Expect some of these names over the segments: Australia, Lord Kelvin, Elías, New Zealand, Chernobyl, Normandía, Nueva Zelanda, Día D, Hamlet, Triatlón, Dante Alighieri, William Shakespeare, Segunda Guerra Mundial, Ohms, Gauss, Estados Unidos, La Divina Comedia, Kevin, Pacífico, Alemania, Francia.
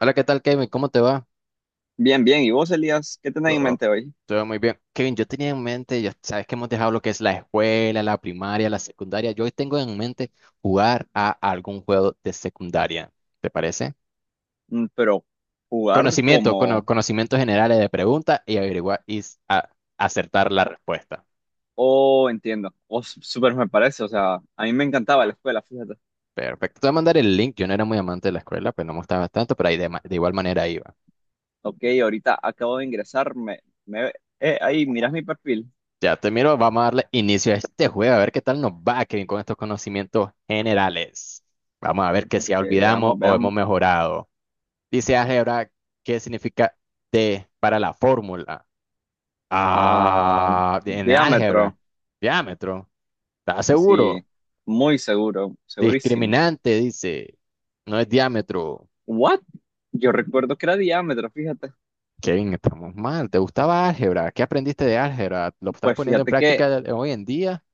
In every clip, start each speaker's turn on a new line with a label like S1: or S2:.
S1: Hola, ¿qué tal, Kevin? ¿Cómo te va?
S2: Bien, bien. ¿Y vos, Elías, qué tenés en
S1: Todo,
S2: mente hoy?
S1: todo muy bien. Kevin, yo tenía en mente, ya sabes que hemos dejado lo que es la escuela, la primaria, la secundaria. Yo hoy tengo en mente jugar a algún juego de secundaria. ¿Te parece?
S2: Pero jugar
S1: Conocimiento,
S2: como.
S1: conocimientos generales de preguntas y averiguar y acertar la respuesta.
S2: Oh, entiendo. Oh, súper me parece. O sea, a mí me encantaba la escuela, fíjate.
S1: Perfecto. Te voy a mandar el link. Yo no era muy amante de la escuela, pues no me gustaba tanto, pero ahí de, de igual manera iba.
S2: Ok, ahorita acabo de ingresar. Me- ahí, mirás mi perfil.
S1: Ya te miro, vamos a darle inicio a este juego, a ver qué tal nos va, Kevin, con estos conocimientos generales. Vamos a ver que si
S2: Que
S1: olvidamos
S2: veamos,
S1: o hemos
S2: veamos.
S1: mejorado. Dice álgebra, ¿qué significa T para la fórmula?
S2: Ah,
S1: Ah, en álgebra,
S2: diámetro.
S1: diámetro, ¿estás seguro?
S2: Sí, muy seguro, segurísimo.
S1: Discriminante, dice, no es diámetro.
S2: ¿What? Yo recuerdo que era diámetro, fíjate.
S1: Kevin, estamos mal, ¿te gustaba álgebra? ¿Qué aprendiste de álgebra? ¿Lo estás
S2: Pues
S1: poniendo en
S2: fíjate que
S1: práctica hoy en día?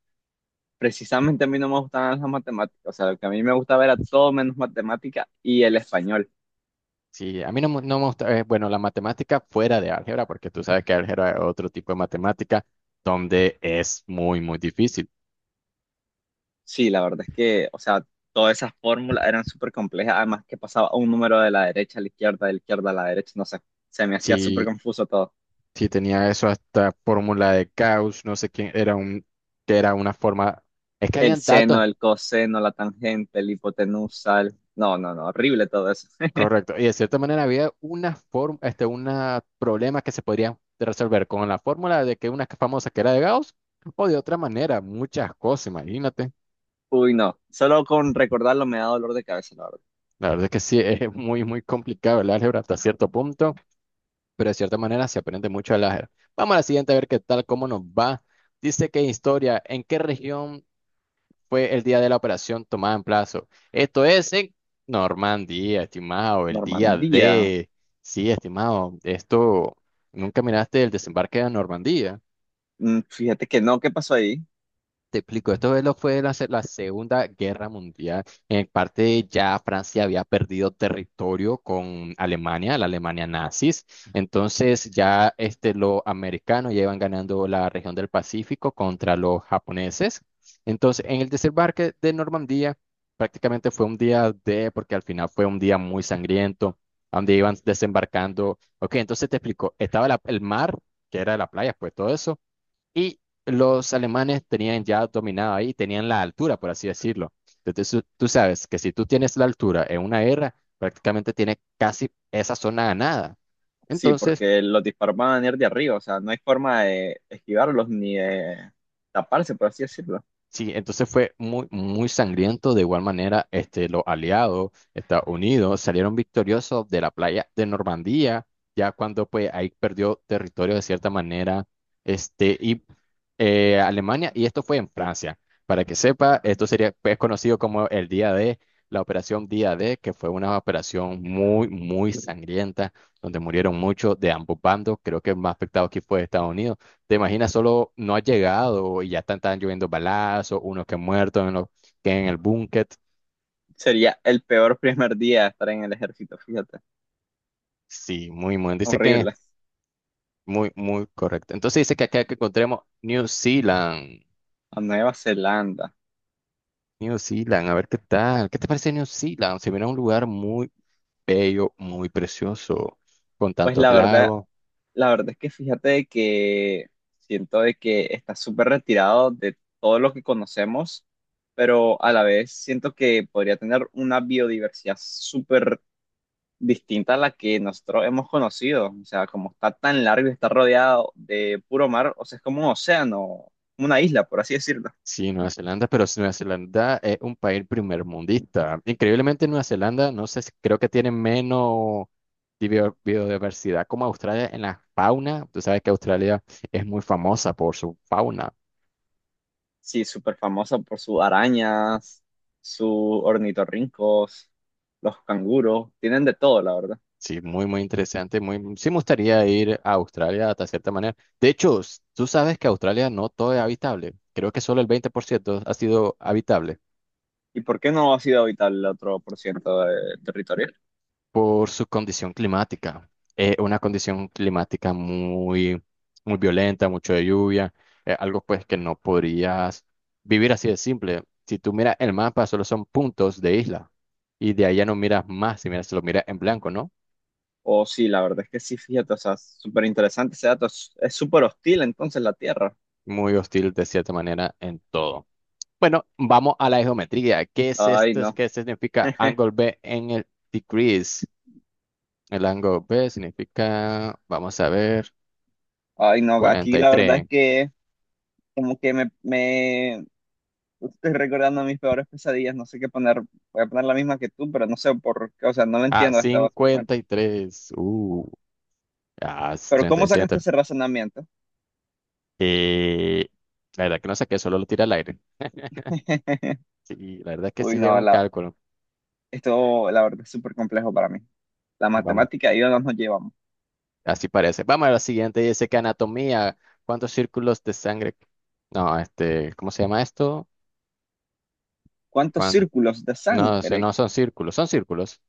S2: precisamente a mí no me gustaban las matemáticas. O sea, lo que a mí me gustaba era todo menos matemática y el español.
S1: Sí, a mí no, no me gusta, bueno, la matemática fuera de álgebra, porque tú sabes que álgebra es otro tipo de matemática donde es muy, muy difícil.
S2: Sí, la verdad es que, o sea, todas esas fórmulas eran súper complejas, además que pasaba un número de la derecha a la izquierda, de la izquierda a la derecha, no sé, se me hacía súper
S1: Sí,
S2: confuso todo.
S1: sí tenía eso hasta fórmula de Gauss, no sé quién, era un, que era una forma, es que
S2: El
S1: habían
S2: seno,
S1: datos,
S2: el coseno, la tangente, el hipotenusa, no, no, no, horrible todo eso.
S1: correcto, y de cierta manera había una forma, este, una problema que se podría resolver con la fórmula de que una famosa que era de Gauss, o de otra manera, muchas cosas, imagínate.
S2: Uy, no, solo con recordarlo me da dolor de cabeza, la verdad.
S1: La verdad es que sí, es muy, muy complicado el álgebra hasta cierto punto. Pero de cierta manera se aprende mucho al áger. Vamos a la siguiente a ver qué tal, cómo nos va. Dice que historia, ¿en qué región fue el día de la operación tomada en plazo? Esto es en Normandía, estimado, el día
S2: Normandía,
S1: de... Sí, estimado, esto, ¿nunca miraste el desembarque de Normandía?
S2: fíjate que no, ¿qué pasó ahí?
S1: Te explico, esto es fue la Segunda Guerra Mundial. En parte ya Francia había perdido territorio con Alemania, la Alemania nazis. Entonces ya este, los americanos ya iban ganando la región del Pacífico contra los japoneses. Entonces en el desembarque de Normandía prácticamente fue un día de, porque al final fue un día muy sangriento, donde iban desembarcando. Ok, entonces te explico, estaba el mar, que era la playa, pues todo eso. Y los alemanes tenían ya dominado ahí, tenían la altura, por así decirlo. Entonces, tú sabes que si tú tienes la altura en una guerra, prácticamente tienes casi esa zona ganada.
S2: Sí,
S1: Entonces,
S2: porque los disparos van a venir de arriba, o sea, no hay forma de esquivarlos ni de taparse, por así decirlo.
S1: sí, entonces fue muy, muy sangriento. De igual manera, este, los aliados, Estados Unidos, salieron victoriosos de la playa de Normandía, ya cuando pues ahí perdió territorio de cierta manera, este, y Alemania, y esto fue en Francia. Para que sepa, esto sería pues, conocido como el Día D, la operación Día D, que fue una operación muy, muy sangrienta, donde murieron muchos de ambos bandos. Creo que el más afectado aquí fue Estados Unidos, te imaginas, solo no ha llegado y ya están lloviendo balazos, unos que han muerto en, que en el búnker.
S2: Sería el peor primer día de estar en el ejército, fíjate.
S1: Sí, muy, muy. Dice que es
S2: Horrible.
S1: muy, muy correcto. Entonces dice que acá que encontremos New Zealand.
S2: A Nueva Zelanda.
S1: New Zealand, a ver qué tal. ¿Qué te parece New Zealand? Se mira un lugar muy bello, muy precioso, con
S2: Pues
S1: tantos lagos.
S2: la verdad es que fíjate de que siento de que está súper retirado de todo lo que conocemos, pero a la vez siento que podría tener una biodiversidad súper distinta a la que nosotros hemos conocido. O sea, como está tan largo y está rodeado de puro mar, o sea, es como un océano, una isla, por así decirlo.
S1: Sí, Nueva Zelanda, pero si Nueva Zelanda es un país primermundista. Increíblemente, Nueva Zelanda, no sé, creo que tiene menos de biodiversidad como Australia en la fauna. Tú sabes que Australia es muy famosa por su fauna.
S2: Sí, súper famosa por sus arañas, sus ornitorrincos, los canguros, tienen de todo, la verdad.
S1: Sí, muy, muy interesante. Muy, sí, me gustaría ir a Australia hasta cierta manera. De hecho, tú sabes que Australia no todo es habitable. Creo que solo el 20% ha sido habitable.
S2: ¿Y por qué no ha sido habitable el otro por ciento de territorio?
S1: Por su condición climática. Una condición climática muy, muy violenta, mucho de lluvia, algo pues que no podrías vivir así de simple. Si tú miras el mapa, solo son puntos de isla y de allá no miras más, si miras, se lo miras en blanco, ¿no?
S2: O sí, la verdad es que sí, fíjate, o sea, súper interesante ese dato. Es súper hostil entonces la Tierra.
S1: Muy hostil de cierta manera en todo. Bueno, vamos a la geometría. ¿Qué es
S2: Ay,
S1: esto?
S2: no.
S1: ¿Qué significa angle B en el decrease? El ángulo B significa, vamos a ver,
S2: Ay, no,
S1: cuarenta
S2: aquí
S1: y
S2: la verdad es
S1: tres.
S2: que como que me estoy recordando mis peores pesadillas, no sé qué poner, voy a poner la misma que tú, pero no sé por qué, o sea, no lo
S1: Ah,
S2: entiendo hasta básicamente.
S1: 53. Ah, es
S2: Pero
S1: treinta
S2: ¿cómo
S1: y
S2: sacaste
S1: siete
S2: ese razonamiento?
S1: Eh, la verdad que no saqué, solo lo tira al aire. Sí, la verdad que
S2: Uy,
S1: sí llega
S2: no,
S1: un cálculo.
S2: esto la verdad es súper complejo para mí. La
S1: Vamos,
S2: matemática y yo no nos llevamos.
S1: así parece. Vamos a la siguiente. Dice que anatomía. ¿Cuántos círculos de sangre? No, este, ¿cómo se llama esto?
S2: ¿Cuántos
S1: ¿Cuánto?
S2: círculos de
S1: No sé,
S2: sangre?
S1: no son círculos, son círculos.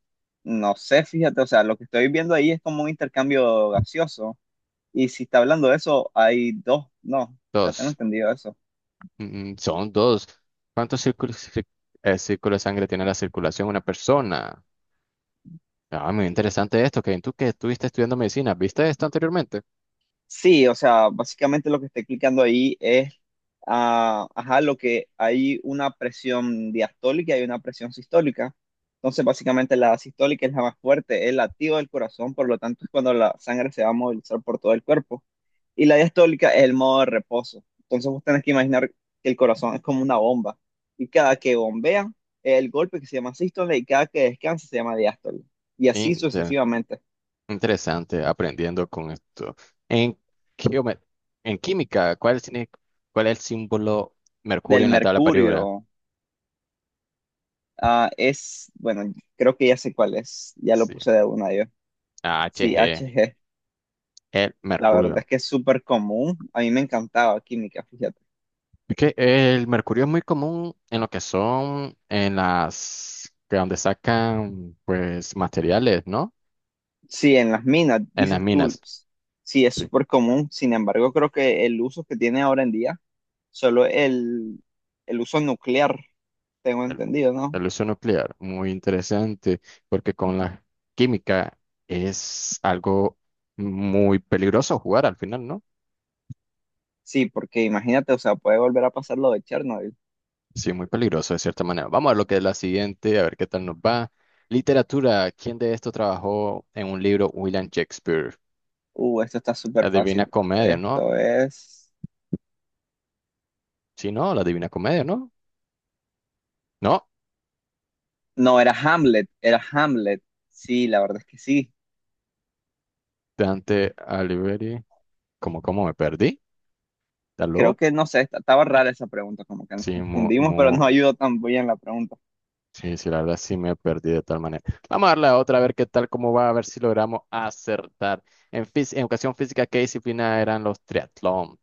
S2: No sé, fíjate, o sea, lo que estoy viendo ahí es como un intercambio gaseoso. Y si está hablando de eso, hay dos, no, ya tengo
S1: Dos.
S2: entendido eso.
S1: Son dos. ¿Cuántos círculos, círculos de sangre tiene la circulación de una persona? Ah, muy interesante esto, Kevin. Tú que estuviste estudiando medicina, ¿viste esto anteriormente?
S2: Sí, o sea, básicamente lo que está explicando ahí es, ajá, lo que hay una presión diastólica y hay una presión sistólica. Entonces, básicamente la sistólica es la más fuerte, es la activa del corazón, por lo tanto es cuando la sangre se va a movilizar por todo el cuerpo. Y la diastólica es el modo de reposo. Entonces, vos tenés que imaginar que el corazón es como una bomba. Y cada que bombea, es el golpe que se llama sístole y cada que descansa se llama diástole. Y así
S1: Inter-
S2: sucesivamente.
S1: Interesante aprendiendo con esto. En, geome- en química, cuál es el símbolo mercurio
S2: Del
S1: en la tabla
S2: mercurio.
S1: periódica?
S2: Ah, bueno, creo que ya sé cuál es, ya lo
S1: Sí,
S2: puse de una yo. Sí,
S1: AHG,
S2: HG,
S1: el
S2: la verdad es
S1: mercurio.
S2: que es súper común, a mí me encantaba química, fíjate.
S1: Es que el mercurio es muy común en lo que son en las que donde sacan pues materiales, ¿no?
S2: Sí, en las minas,
S1: En las
S2: dices tú,
S1: minas.
S2: sí, es
S1: Sí.
S2: súper común, sin embargo, creo que el uso que tiene ahora en día, solo el uso nuclear, tengo
S1: Bueno,
S2: entendido,
S1: la
S2: ¿no?
S1: ilusión nuclear, muy interesante, porque con la química es algo muy peligroso jugar al final, ¿no?
S2: Sí, porque imagínate, o sea, puede volver a pasar lo de Chernobyl.
S1: Sí, muy peligroso de cierta manera. Vamos a ver lo que es la siguiente, a ver qué tal nos va. Literatura, ¿quién de esto trabajó en un libro William Shakespeare?
S2: Esto está súper
S1: La Divina
S2: fácil.
S1: Comedia, ¿no?
S2: Esto es.
S1: Sí, no, la Divina Comedia, ¿no? No,
S2: No, era Hamlet, era Hamlet. Sí, la verdad es que sí.
S1: Dante Alighieri, ¿cómo me perdí?
S2: Creo
S1: ¿Aló?
S2: que no sé, estaba rara esa pregunta, como que nos
S1: Sí,
S2: confundimos, pero no ayudó tan bien la pregunta.
S1: sí, sí, la verdad sí me perdí de tal manera. Vamos a darle a otra, a ver qué tal, cómo va, a ver si logramos acertar. En educación física, ¿qué disciplina eran los triatlón?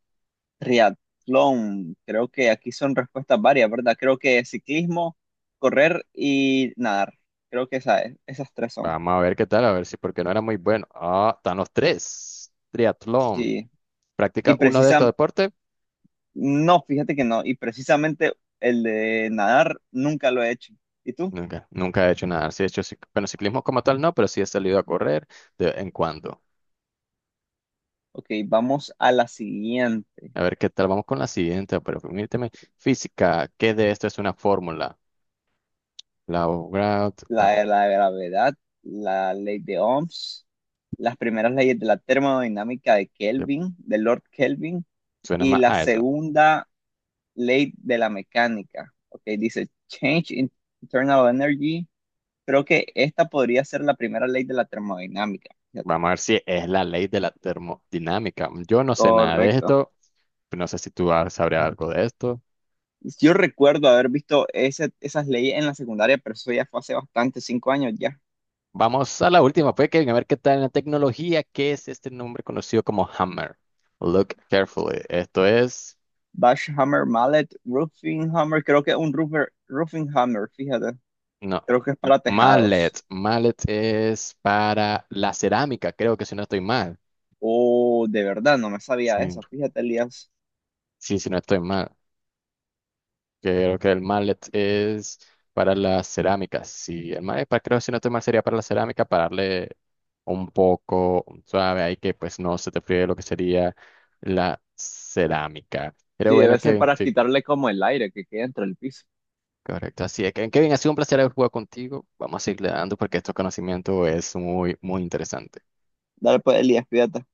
S2: Triatlón, creo que aquí son respuestas varias, ¿verdad? Creo que ciclismo, correr y nadar. Creo que esas tres son.
S1: Vamos a ver qué tal, a ver si, porque no era muy bueno. Ah, están los tres. Triatlón.
S2: Sí. Y
S1: ¿Practica uno de estos
S2: precisa,
S1: deportes?
S2: no, fíjate que no. Y precisamente el de nadar nunca lo he hecho. ¿Y tú?
S1: Nunca, nunca he hecho nada. Sí he hecho, bueno, ciclismo como tal no, pero sí he salido a correr de vez en cuando.
S2: Ok, vamos a la siguiente.
S1: A ver qué tal, vamos con la siguiente, pero permíteme. Física, ¿qué de esto es una fórmula? La, la,
S2: La de la gravedad, la ley de Ohms, las primeras leyes de la termodinámica de Kelvin, de Lord Kelvin,
S1: suena
S2: y
S1: más
S2: la
S1: a eso.
S2: segunda ley de la mecánica. Ok, dice Change in Internal Energy. Creo que esta podría ser la primera ley de la termodinámica. Fíjate.
S1: Vamos a ver si es la ley de la termodinámica. Yo no sé nada de
S2: Correcto.
S1: esto. No sé si tú sabrías algo de esto.
S2: Yo recuerdo haber visto esas leyes en la secundaria, pero eso ya fue hace bastante, 5 años ya.
S1: Vamos a la última, pues, Kevin, a ver qué tal en la tecnología. ¿Qué es este nombre conocido como hammer? Look carefully. Esto es.
S2: Bash Hammer, Mallet, Roofing Hammer, creo que un roofer, Roofing Hammer, fíjate.
S1: No.
S2: Creo que es para tejados.
S1: Mallet. Mallet es para la cerámica, creo que si no estoy mal.
S2: Oh, de verdad, no me sabía
S1: Sí,
S2: eso. Fíjate, Elías.
S1: sí, si no estoy mal. Creo que el mallet es para las cerámicas. Sí, el mallet, para, creo, si no estoy mal, sería para la cerámica, para darle un poco suave ahí que pues no se te fríe lo que sería la cerámica. Pero
S2: Sí,
S1: bueno,
S2: debe ser
S1: Kevin,
S2: para
S1: sí,
S2: quitarle como el aire que queda entre el piso.
S1: correcto. Así es, Kevin, Kevin, ha sido un placer haber jugado contigo. Vamos a seguirle dando porque estos conocimientos es muy, muy interesante.
S2: Dale pues, Elías, cuídate.